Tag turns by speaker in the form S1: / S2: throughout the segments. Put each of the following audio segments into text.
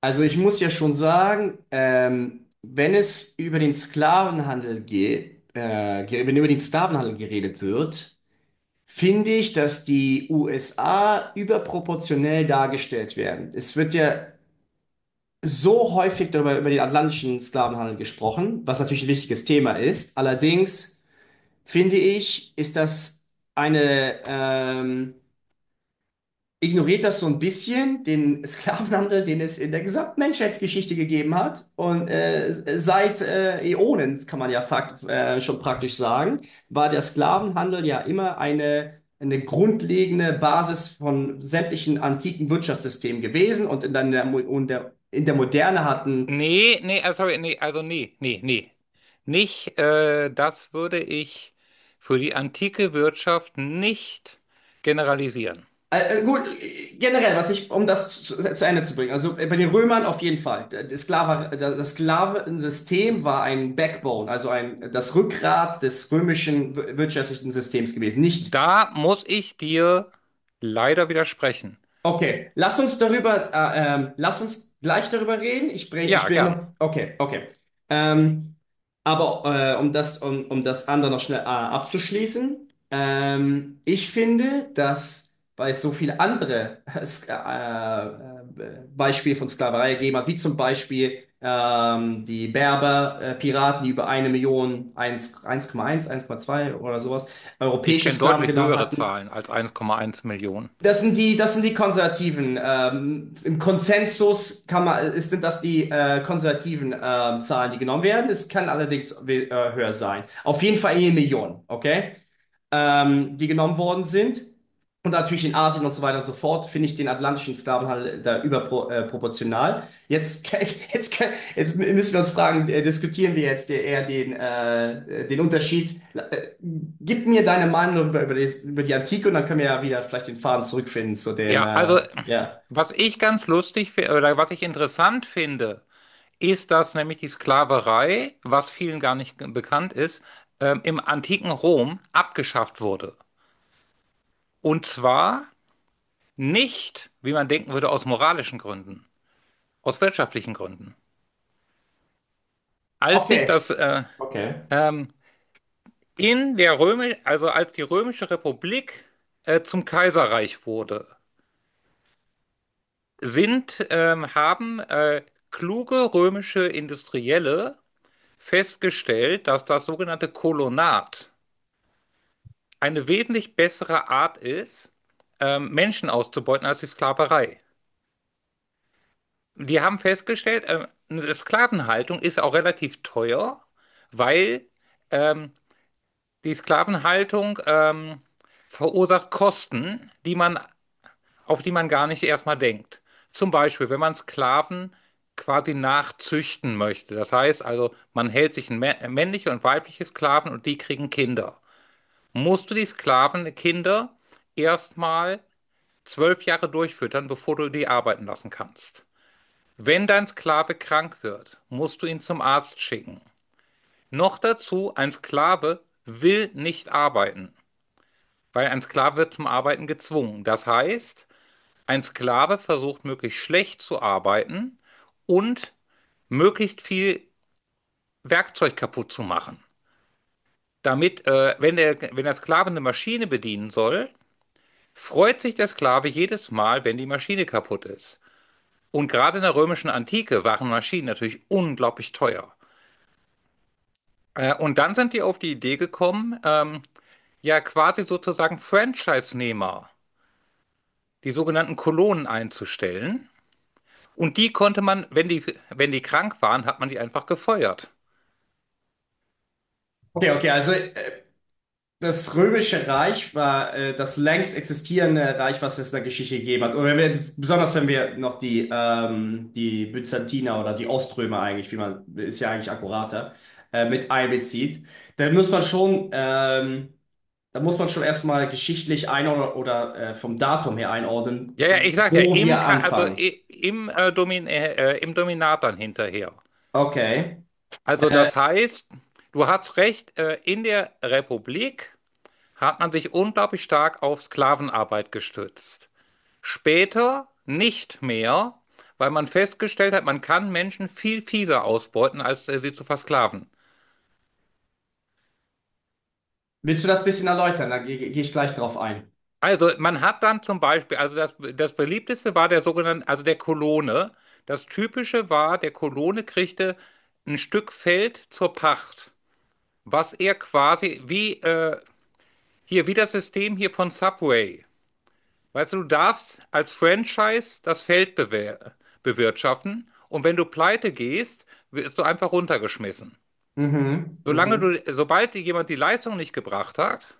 S1: Also ich muss ja schon sagen, wenn es über den Sklavenhandel geht, wenn über den Sklavenhandel geredet wird, finde ich, dass die USA überproportionell dargestellt werden. Es wird ja so häufig darüber über den atlantischen Sklavenhandel gesprochen, was natürlich ein wichtiges Thema ist. Allerdings finde ich, ist das eine ignoriert das so ein bisschen, den Sklavenhandel, den es in der gesamten Menschheitsgeschichte gegeben hat. Und seit Äonen, kann man ja fakt, schon praktisch sagen, war der Sklavenhandel ja immer eine grundlegende Basis von sämtlichen antiken Wirtschaftssystemen gewesen. Und in der Moderne hatten.
S2: Nee, nee, sorry, nee, also nee, nee, nee. Nicht, das würde ich für die antike Wirtschaft nicht generalisieren.
S1: Gut, generell, was ich, um das zu Ende zu bringen, also bei den Römern auf jeden Fall. Das Sklavensystem war ein Backbone, also das Rückgrat des römischen wirtschaftlichen Systems gewesen. Nicht.
S2: Da muss ich dir leider widersprechen.
S1: Okay, lass uns gleich darüber reden. Ich
S2: Ja,
S1: will
S2: gern.
S1: noch, okay, okay. Ähm, aber um das, um das andere noch schnell abzuschließen, ich finde, dass weil es so viele andere Beispiele von Sklaverei gegeben hat, wie zum Beispiel die Berber, Piraten, die über 1 Million, 1 1,1 1,2 oder sowas,
S2: Ich
S1: europäische
S2: kenne
S1: Sklaven
S2: deutlich
S1: genommen
S2: höhere
S1: hatten.
S2: Zahlen als 1,1 Millionen.
S1: Das sind die Konservativen. Im Konsensus sind das die konservativen Zahlen, die genommen werden. Es kann allerdings höher sein. Auf jeden Fall 1 Million, okay? Die genommen worden sind. Und natürlich in Asien und so weiter und so fort finde ich den atlantischen Sklavenhandel da überproportional. Jetzt, jetzt, jetzt müssen wir uns fragen, diskutieren wir jetzt eher den Unterschied. Gib mir deine Meinung über die Antike und dann können wir ja wieder vielleicht den Faden zurückfinden zu dem,
S2: Ja, also
S1: ja.
S2: was ich ganz lustig finde oder was ich interessant finde, ist, dass nämlich die Sklaverei, was vielen gar nicht bekannt ist, im antiken Rom abgeschafft wurde. Und zwar nicht, wie man denken würde, aus moralischen Gründen, aus wirtschaftlichen Gründen. Als sich
S1: Okay.
S2: das
S1: Okay.
S2: ähm, also als die Römische Republik zum Kaiserreich wurde, haben kluge römische Industrielle festgestellt, dass das sogenannte Kolonat eine wesentlich bessere Art ist, Menschen auszubeuten als die Sklaverei. Die haben festgestellt, eine Sklavenhaltung ist auch relativ teuer, weil ähm, die Sklavenhaltung verursacht Kosten, auf die man gar nicht erstmal denkt. Zum Beispiel, wenn man Sklaven quasi nachzüchten möchte. Das heißt also, man hält sich männliche und weibliche Sklaven und die kriegen Kinder. Musst du die Kinder erstmal 12 Jahre durchfüttern, bevor du die arbeiten lassen kannst. Wenn dein Sklave krank wird, musst du ihn zum Arzt schicken. Noch dazu, ein Sklave will nicht arbeiten, weil ein Sklave wird zum Arbeiten gezwungen. Das heißt, ein Sklave versucht möglichst schlecht zu arbeiten und möglichst viel Werkzeug kaputt zu machen. Damit, wenn, der, wenn der Sklave eine Maschine bedienen soll, freut sich der Sklave jedes Mal, wenn die Maschine kaputt ist. Und gerade in der römischen Antike waren Maschinen natürlich unglaublich teuer. Und dann sind die auf die Idee gekommen, ja quasi sozusagen Franchise-Nehmer, die sogenannten Kolonen einzustellen. Und die konnte man, wenn die krank waren, hat man die einfach gefeuert.
S1: Okay, okay, also das Römische Reich war das längst existierende Reich, was es in der Geschichte gegeben hat. Und wenn wir, besonders wenn wir noch die Byzantiner oder die Oströmer eigentlich, wie man, ist ja eigentlich akkurater, mit einbezieht, dann muss man schon, da muss man schon erstmal geschichtlich einordnen oder vom Datum her einordnen,
S2: Ja, ja, ich sag ja,
S1: wo
S2: im,
S1: wir
S2: Ka- also
S1: anfangen.
S2: i- im, Domin im Dominat dann hinterher.
S1: Okay.
S2: Also
S1: Äh,
S2: das heißt, du hast recht, in der Republik hat man sich unglaublich stark auf Sklavenarbeit gestützt. Später nicht mehr, weil man festgestellt hat, man kann Menschen viel fieser ausbeuten, als sie zu versklaven.
S1: willst du das bisschen erläutern? Da geh ich gleich drauf ein.
S2: Also man hat dann zum Beispiel, also das beliebteste war der sogenannte, also der Kolone. Das typische war, der Kolone kriegte ein Stück Feld zur Pacht, was er quasi wie das System hier von Subway. Weißt du, du darfst als Franchise das Feld bewer bewirtschaften und wenn du pleite gehst, wirst du einfach runtergeschmissen.
S1: Mhm,
S2: Solange
S1: mhm.
S2: du, sobald dir jemand die Leistung nicht gebracht hat,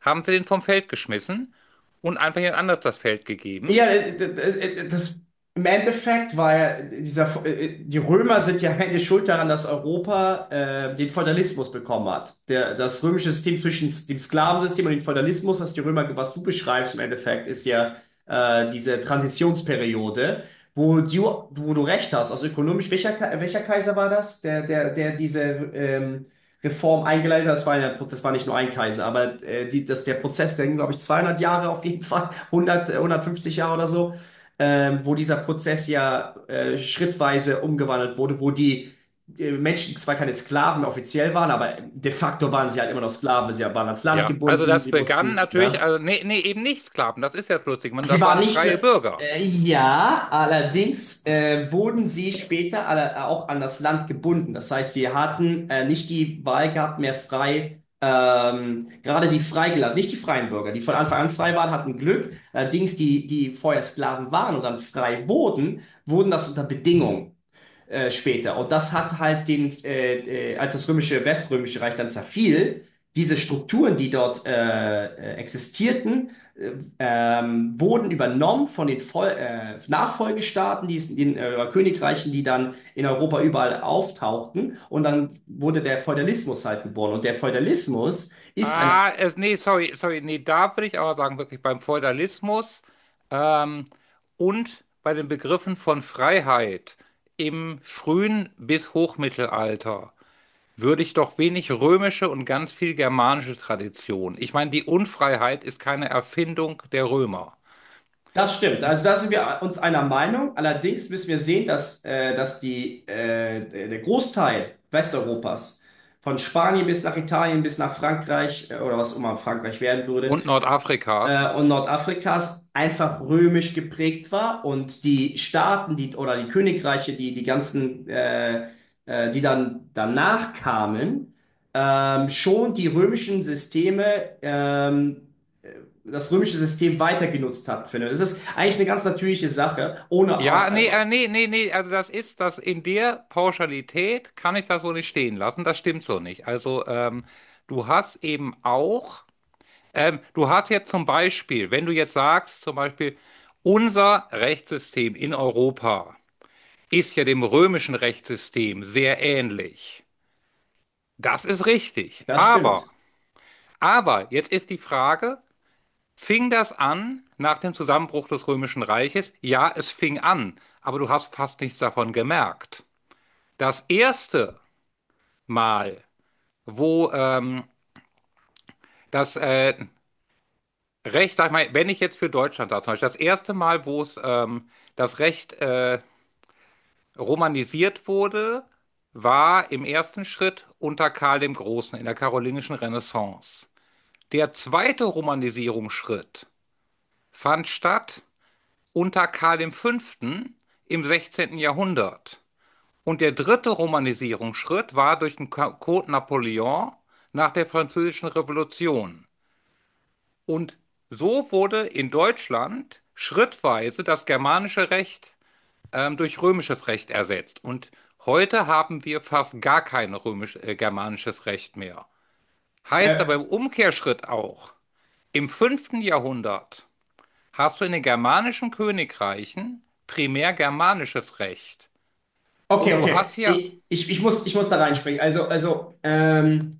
S2: haben sie den vom Feld geschmissen und einfach jemand anders das Feld
S1: Ja,
S2: gegeben.
S1: das im Endeffekt war ja die Römer sind ja eigentlich schuld daran, dass Europa den Feudalismus bekommen hat. Das römische System zwischen dem Sklavensystem und dem Feudalismus, was du beschreibst im Endeffekt, ist ja diese Transitionsperiode, wo du, wo du recht hast. Also ökonomisch, welcher Kaiser war das? Der diese ähm, Reform eingeleitet hat. Das war ja der Prozess, war nicht nur ein Kaiser, aber der Prozess, der ging, glaube ich, 200 Jahre auf jeden Fall, 100, 150 Jahre oder so, wo dieser Prozess ja schrittweise umgewandelt wurde, wo die Menschen zwar keine Sklaven offiziell waren, aber de facto waren sie halt immer noch Sklaven. Sie waren ans Land
S2: Ja, also
S1: gebunden,
S2: das
S1: sie
S2: begann
S1: mussten,
S2: natürlich,
S1: ne?
S2: also nee, nee, eben nicht Sklaven, das ist jetzt lustig,
S1: Sie
S2: das
S1: waren
S2: waren
S1: nicht, nur,
S2: freie Bürger.
S1: ja, allerdings wurden sie später alle, auch an das Land gebunden. Das heißt, sie hatten nicht die Wahl gehabt, mehr frei, gerade die Freigelassen, nicht die freien Bürger, die von Anfang an frei waren, hatten Glück. Allerdings die, die vorher Sklaven waren und dann frei wurden, wurden das unter Bedingungen später. Und das hat halt als das römische, weströmische Reich dann zerfiel, diese Strukturen, die dort existierten, wurden übernommen von den Vol Nachfolgestaaten, den Königreichen, die dann in Europa überall auftauchten. Und dann wurde der Feudalismus halt geboren. Und der Feudalismus ist ein.
S2: Ah, nee, sorry, nee, da würde ich aber sagen, wirklich beim Feudalismus ähm, und bei den Begriffen von Freiheit im frühen bis Hochmittelalter würde ich doch wenig römische und ganz viel germanische Tradition. Ich meine, die Unfreiheit ist keine Erfindung der Römer
S1: Das stimmt.
S2: Die,
S1: Also da sind wir uns einer Meinung. Allerdings müssen wir sehen, dass, dass die, der Großteil Westeuropas, von Spanien bis nach Italien, bis nach Frankreich, oder was immer Frankreich werden würde,
S2: und Nordafrikas.
S1: und Nordafrikas einfach römisch geprägt war und die Staaten, die oder die Königreiche, die die ganzen, die dann danach kamen, schon die römischen Systeme, das römische System weiter genutzt hat, finde. Das ist eigentlich eine ganz natürliche Sache, ohne,
S2: Ja, nee,
S1: aber
S2: nee, nee, nee, also das in der Pauschalität kann ich das so nicht stehen lassen. Das stimmt so nicht. Also du hast eben auch, du hast jetzt zum Beispiel, wenn du jetzt sagst, zum Beispiel, unser Rechtssystem in Europa ist ja dem römischen Rechtssystem sehr ähnlich. Das ist richtig.
S1: das
S2: Aber
S1: stimmt.
S2: Aber jetzt ist die Frage, fing das an nach dem Zusammenbruch des Römischen Reiches? Ja, es fing an, aber du hast fast nichts davon gemerkt. Das erste Mal, wo das äh, sag ich mal, wenn ich jetzt für Deutschland sage, zum Beispiel das erste Mal, wo es das Recht romanisiert wurde, war im ersten Schritt unter Karl dem Großen in der karolingischen Renaissance. Der zweite Romanisierungsschritt fand statt unter Karl V. im 16. Jahrhundert. Und der dritte Romanisierungsschritt war durch den Code Napoleon nach der Französischen Revolution. Und so wurde in Deutschland schrittweise das germanische Recht durch römisches Recht ersetzt. Und heute haben wir fast gar kein germanisches Recht mehr. Heißt aber
S1: Äh,
S2: im Umkehrschritt auch, im fünften Jahrhundert hast du in den germanischen Königreichen primär germanisches Recht.
S1: okay,
S2: Und du
S1: okay.
S2: hast hier.
S1: Ich muss da reinspringen. Also,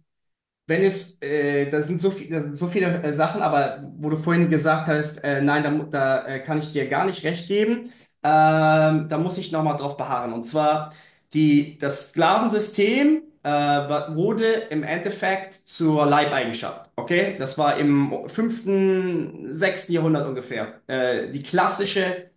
S1: wenn es, da sind so viele Sachen, aber wo du vorhin gesagt hast, nein, da kann ich dir gar nicht recht geben, da muss ich nochmal drauf beharren. Und zwar, das Sklavensystem wurde im Endeffekt zur Leibeigenschaft. Okay? Das war im fünften, sechsten Jahrhundert ungefähr. Die klassische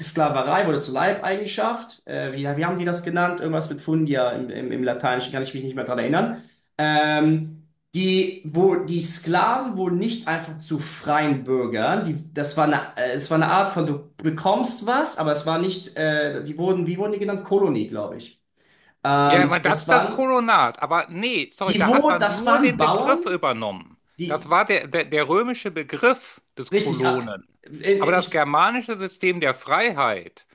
S1: Sklaverei wurde zur Leibeigenschaft. Wie haben die das genannt? Irgendwas mit Fundia im, im Lateinischen, kann ich mich nicht mehr dran erinnern. Ähm, die Sklaven wurden nicht einfach zu freien Bürgern. Das war es war eine Art von, du bekommst was, aber es war nicht, wie wurden die genannt? Kolonie, glaube ich.
S2: Ja,
S1: Ähm,
S2: aber das
S1: das
S2: ist das
S1: waren,
S2: Kolonat, aber nee, sorry, da hat man
S1: das
S2: nur
S1: waren
S2: den
S1: Bauern,
S2: Begriff übernommen.
S1: die,
S2: Das
S1: die-
S2: war der römische Begriff des
S1: richtig, ah,
S2: Kolonen.
S1: äh,
S2: Aber das
S1: ich,
S2: germanische System der Freiheit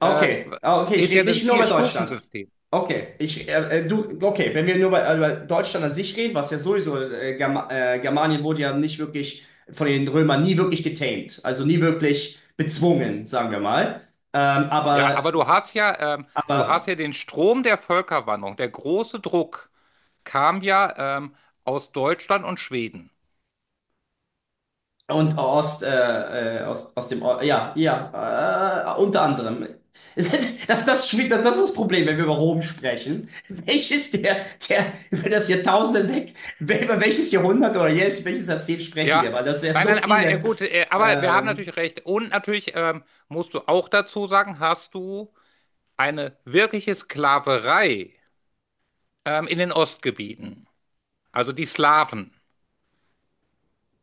S2: äh,
S1: ah, okay, ich
S2: ist ja
S1: rede
S2: ein
S1: nicht nur über Deutschland.
S2: Vier-Stufen-System.
S1: Okay, okay, wenn wir nur über Deutschland an sich reden, was ja sowieso, Germanien wurde ja nicht wirklich von den Römern nie wirklich getamed, also nie wirklich bezwungen, sagen wir mal. Ähm,
S2: Ja,
S1: aber,
S2: aber du hast
S1: aber
S2: ja den Strom der Völkerwanderung, der große Druck kam ja aus Deutschland und Schweden.
S1: Und aus, dem, ja, ja, unter anderem. Es- Das, das, das ist das Problem, wenn wir über Rom sprechen. Welches der über das Jahrtausend hinweg, über welches Jahrhundert oder jetzt, welches Jahrzehnt sprechen wir?
S2: Ja,
S1: Weil das ja
S2: nein,
S1: so
S2: nein, aber
S1: viele
S2: gut, aber wir haben
S1: ähm,
S2: natürlich recht. Und natürlich musst du auch dazu sagen, hast du eine wirkliche Sklaverei in den Ostgebieten. Also die Slawen.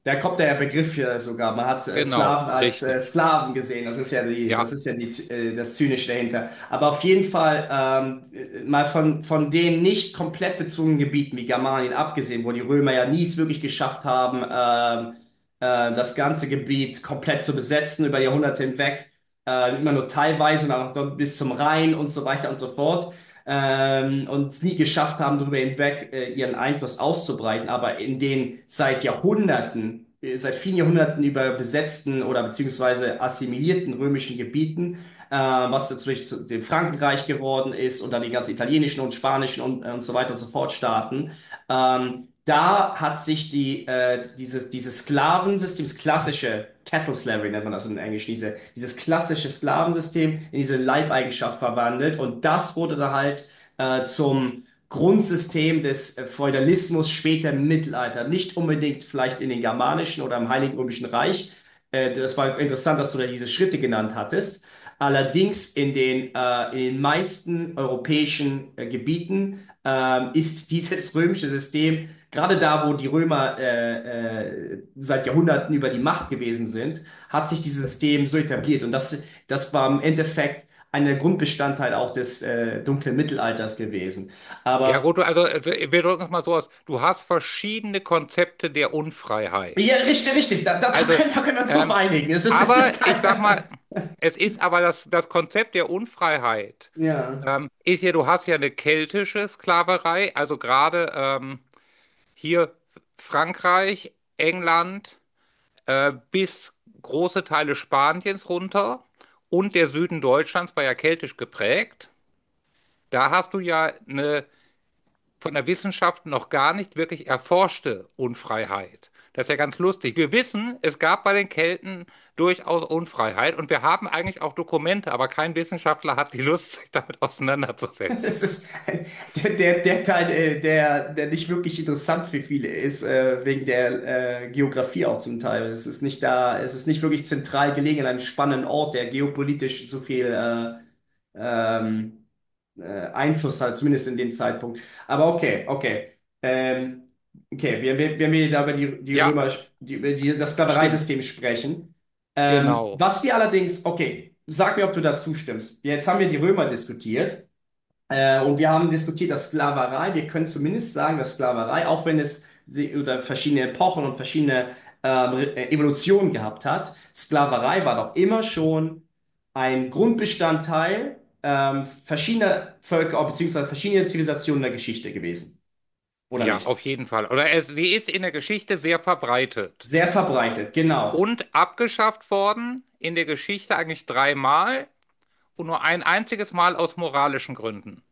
S1: da kommt der Begriff ja sogar. Man hat
S2: Genau,
S1: Slaven als
S2: richtig.
S1: Sklaven gesehen. Das ist ja die,
S2: Ja,
S1: das ist ja die, das Zynische dahinter. Aber auf jeden Fall mal von den nicht komplett bezogenen Gebieten wie Germanien abgesehen, wo die Römer ja nie es wirklich geschafft haben, das ganze Gebiet komplett zu besetzen über Jahrhunderte hinweg, immer nur teilweise und dann noch bis zum Rhein und so weiter und so fort und es nie geschafft haben, darüber hinweg ihren Einfluss auszubreiten, aber in den seit vielen Jahrhunderten über besetzten oder beziehungsweise assimilierten römischen Gebieten, was natürlich zu dem Frankenreich geworden ist und dann die ganzen italienischen und spanischen und so weiter und so fort Staaten, ähm, da hat sich dieses Sklavensystem, das klassische Cattle Slavery nennt man das in Englisch, dieses klassische Sklavensystem in diese Leibeigenschaft verwandelt und das wurde dann halt zum Grundsystem des Feudalismus später im Mittelalter. Nicht unbedingt vielleicht in den germanischen oder im Heiligen Römischen Reich. Das war interessant, dass du da diese Schritte genannt hattest. Allerdings in den meisten europäischen Gebieten ist dieses römische System gerade da, wo die Römer seit Jahrhunderten über die Macht gewesen sind, hat sich dieses System so etabliert. Und das war im Endeffekt ein Grundbestandteil auch des dunklen Mittelalters gewesen.
S2: ja
S1: Aber
S2: gut, wir drücken es mal so aus. Du hast verschiedene Konzepte der
S1: ja,
S2: Unfreiheit.
S1: richtig, richtig, da, da, da
S2: Also,
S1: können, da können wir uns drauf
S2: ähm,
S1: einigen. Das ist
S2: aber ich sag
S1: kein.
S2: mal, es ist aber das Konzept der Unfreiheit.
S1: Ja.
S2: Du hast ja eine keltische Sklaverei, also gerade hier Frankreich, England bis große Teile Spaniens runter und der Süden Deutschlands war ja keltisch geprägt. Da hast du ja eine von der Wissenschaft noch gar nicht wirklich erforschte Unfreiheit. Das ist ja ganz lustig. Wir wissen, es gab bei den Kelten durchaus Unfreiheit und wir haben eigentlich auch Dokumente, aber kein Wissenschaftler hat die Lust, sich damit auseinanderzusetzen.
S1: Es ist der Teil, der nicht wirklich interessant für viele ist, wegen der Geografie auch zum Teil. Es ist nicht da, es ist nicht wirklich zentral gelegen an einem spannenden Ort, der geopolitisch so viel ähm, äh, Einfluss hat, zumindest in dem Zeitpunkt. Aber okay, okay. Ähm, okay, wenn wir da über die, die
S2: Ja,
S1: Römer, die, über die, das
S2: stimmt.
S1: Sklavereisystem sprechen,
S2: Genau.
S1: okay, sag mir, ob du da zustimmst. Jetzt haben wir die Römer diskutiert. Und wir haben diskutiert, dass Sklaverei, wir können zumindest sagen, dass Sklaverei, auch wenn es oder verschiedene Epochen und verschiedene Evolutionen gehabt hat, Sklaverei war doch immer schon ein Grundbestandteil verschiedener Völker beziehungsweise verschiedener Zivilisationen der Geschichte gewesen, oder
S2: Ja, auf
S1: nicht?
S2: jeden Fall. Oder sie ist in der Geschichte sehr verbreitet
S1: Sehr verbreitet, genau.
S2: und abgeschafft worden, in der Geschichte eigentlich dreimal und nur ein einziges Mal aus moralischen Gründen.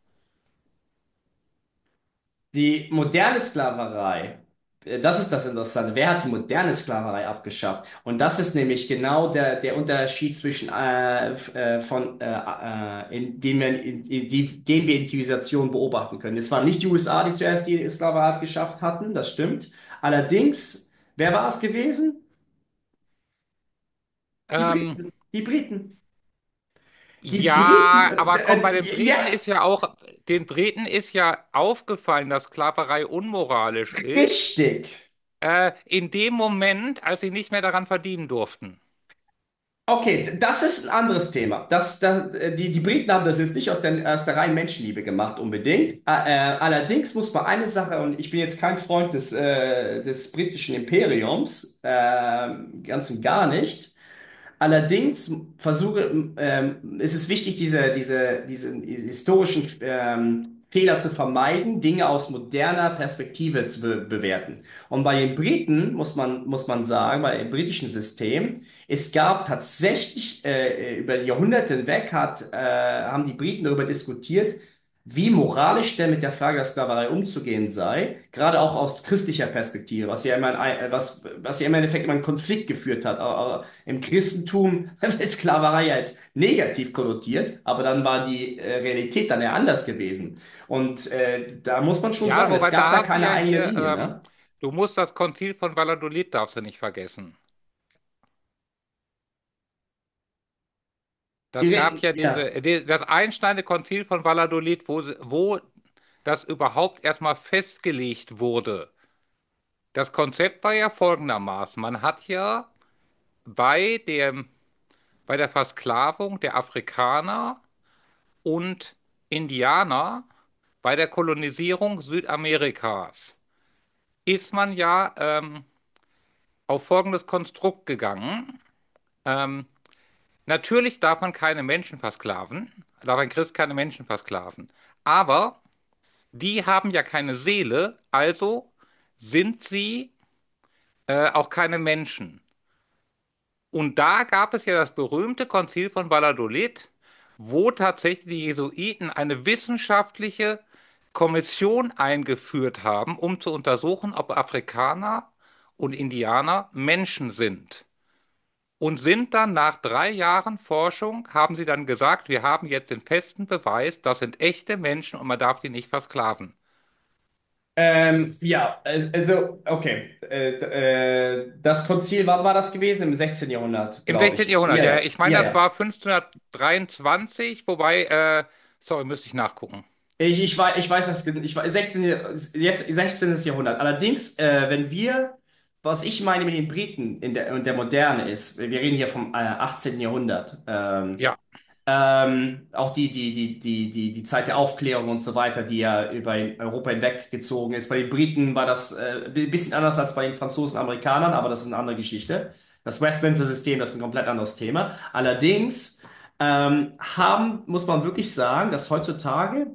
S1: Die moderne Sklaverei. Das ist das Interessante. Wer hat die moderne Sklaverei abgeschafft? Und das ist nämlich genau der Unterschied zwischen f- von in, den, wir in, die, den wir in Zivilisation beobachten können. Es waren nicht die USA, die zuerst die Sklaverei abgeschafft hatten, das stimmt. Allerdings, wer war es gewesen? Die
S2: Ähm,
S1: Briten. Die Briten. Die Briten.
S2: ja, aber komm, bei den
S1: Ja,
S2: Briten ist ja auch, den Briten ist ja aufgefallen, dass Sklaverei unmoralisch ist,
S1: richtig.
S2: in dem Moment, als sie nicht mehr daran verdienen durften.
S1: Okay, das ist ein anderes Thema. Die Briten haben das jetzt nicht aus der, reinen Menschenliebe gemacht, unbedingt. Allerdings muss man eine Sache, und ich bin jetzt kein Freund des britischen Imperiums, ganz und gar nicht. Allerdings ist es wichtig, diesen historischen Fehler zu vermeiden, Dinge aus moderner Perspektive zu be bewerten. Und bei den Briten muss man sagen, bei dem britischen System, es gab tatsächlich über die Jahrhunderte hinweg haben die Briten darüber diskutiert, wie moralisch denn mit der Frage der Sklaverei umzugehen sei, gerade auch aus christlicher Perspektive, was ja immer, ein, was ja immer im Endeffekt immer einen Konflikt geführt hat, im Christentum ist Sklaverei ja jetzt negativ konnotiert, aber dann war die Realität dann ja anders gewesen. Und da muss man schon
S2: Ja,
S1: sagen, es
S2: wobei
S1: gab
S2: da
S1: da
S2: hast du
S1: keine
S2: ja
S1: eigene
S2: hier,
S1: Linie, ne?
S2: du musst das Konzil von Valladolid, darfst du nicht vergessen. Das gab ja
S1: Ja.
S2: das einschneidende Konzil von Valladolid, wo, wo das überhaupt erstmal festgelegt wurde. Das Konzept war ja folgendermaßen. Man hat ja bei dem, bei der Versklavung der Afrikaner und Indianer, bei der Kolonisierung Südamerikas, ist man ja auf folgendes Konstrukt gegangen. Ähm, Natürlich darf man keine Menschen versklaven, darf ein Christ keine Menschen versklaven. Aber die haben ja keine Seele, also sind sie auch keine Menschen. Und da gab es ja das berühmte Konzil von Valladolid, wo tatsächlich die Jesuiten eine wissenschaftliche Kommission eingeführt haben, um zu untersuchen, ob Afrikaner und Indianer Menschen sind. Und sind dann nach 3 Jahren Forschung, haben sie dann gesagt, wir haben jetzt den festen Beweis, das sind echte Menschen und man darf die nicht versklaven.
S1: Ja, also, okay. Das Konzil, wann war das gewesen? Im 16. Jahrhundert,
S2: Im
S1: glaube
S2: 16.
S1: ich.
S2: Jahrhundert,
S1: Ja,
S2: ja, ja.
S1: ja,
S2: Ich meine,
S1: ja,
S2: das
S1: ja.
S2: war 1523, wobei, sorry, müsste ich nachgucken.
S1: Ich weiß das, 16, jetzt 16. Jahrhundert. Allerdings, wenn wir, was ich meine mit den Briten in der, und der Moderne ist, wir reden hier vom 18. Jahrhundert,
S2: Ja,
S1: auch die Zeit der Aufklärung und so weiter, die ja über Europa hinweggezogen ist. Bei den Briten war das ein bisschen anders als bei den Franzosen und Amerikanern, aber das ist eine andere Geschichte. Das Westminster-System, das ist ein komplett anderes Thema. Allerdings muss man wirklich sagen,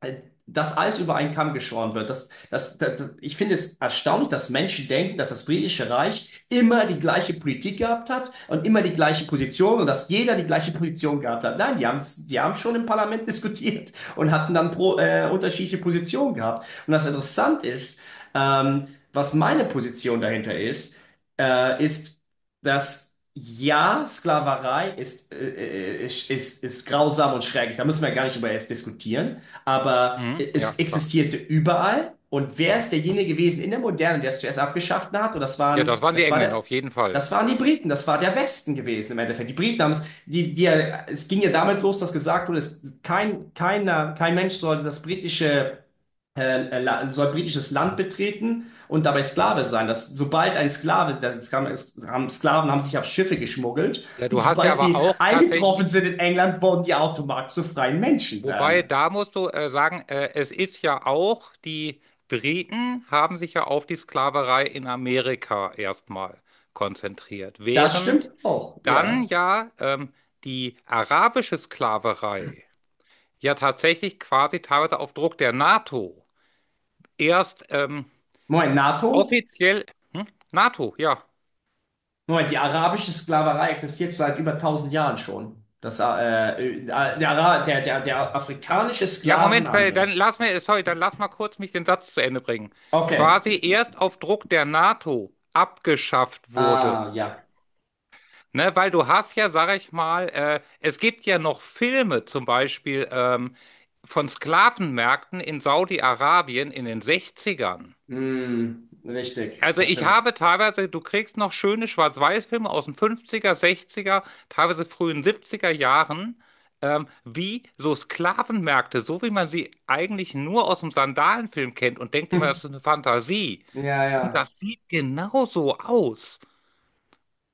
S1: äh, dass alles über einen Kamm geschoren wird. Ich finde es erstaunlich, dass Menschen denken, dass das britische Reich immer die gleiche Politik gehabt hat und immer die gleiche Position und dass jeder die gleiche Position gehabt hat. Nein, die haben schon im Parlament diskutiert und hatten dann unterschiedliche Positionen gehabt. Und das Interessante ist, was meine Position dahinter ist, äh, ist, dass ja, Sklaverei ist grausam und schrecklich. Da müssen wir gar nicht über es diskutieren. Aber
S2: mhm, ja,
S1: es
S2: klar.
S1: existierte überall. Und wer ist derjenige gewesen in der Moderne, der es zuerst abgeschafft hat? Und
S2: Ja, das waren die Engländer, auf jeden Fall.
S1: das waren die Briten, das war der Westen gewesen im Endeffekt. Die Briten haben es, die, die, es ging ja damit los, dass gesagt wurde, es, kein, keiner, kein Mensch sollte das britische äh, soll britisches Land betreten und dabei Sklave sein. Das, sobald ein Sklave, das kam, es haben Sklaven haben sich auf Schiffe geschmuggelt
S2: Ja,
S1: und
S2: du hast ja
S1: sobald
S2: aber
S1: die
S2: auch
S1: eingetroffen
S2: tatsächlich,
S1: sind in England, wurden die automatisch zu freien Menschen
S2: wobei,
S1: dann.
S2: da musst du sagen, es ist ja auch, die Briten haben sich ja auf die Sklaverei in Amerika erstmal konzentriert,
S1: Das
S2: während
S1: stimmt auch,
S2: dann
S1: ja.
S2: ja die arabische Sklaverei ja tatsächlich quasi teilweise auf Druck der NATO erst
S1: Moment, NATO?
S2: offiziell. Hm? NATO, ja.
S1: Moment, die arabische Sklaverei existiert seit über 1.000 Jahren schon. Das, der, Ara- der, der, der afrikanische
S2: Ja, Moment, weil
S1: Sklavenhandel.
S2: dann sorry, dann lass mal kurz mich den Satz zu Ende bringen.
S1: Okay.
S2: Quasi erst auf Druck der NATO abgeschafft wurde.
S1: Ah, ja.
S2: Ne, weil du hast ja, sag ich mal, es gibt ja noch Filme, zum Beispiel von Sklavenmärkten in Saudi-Arabien in den 60ern.
S1: Hm, richtig,
S2: Also
S1: das
S2: ich
S1: stimmt.
S2: habe teilweise, du kriegst noch schöne Schwarz-Weiß-Filme aus den 50er, 60er, teilweise frühen 70er Jahren, wie so Sklavenmärkte, so wie man sie eigentlich nur aus dem Sandalenfilm kennt und denkt immer,
S1: Hm.
S2: das ist eine Fantasie.
S1: Ja,
S2: Und
S1: ja.
S2: das sieht genauso aus.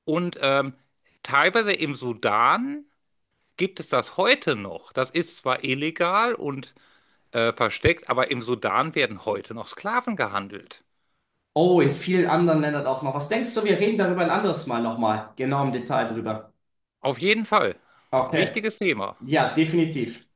S2: Und teilweise im Sudan gibt es das heute noch. Das ist zwar illegal und versteckt, aber im Sudan werden heute noch Sklaven gehandelt.
S1: Oh, in vielen anderen Ländern auch noch. Was denkst du, wir reden darüber ein anderes Mal nochmal, genau im Detail drüber.
S2: Auf jeden Fall.
S1: Okay.
S2: Wichtiges Thema.
S1: Ja, definitiv.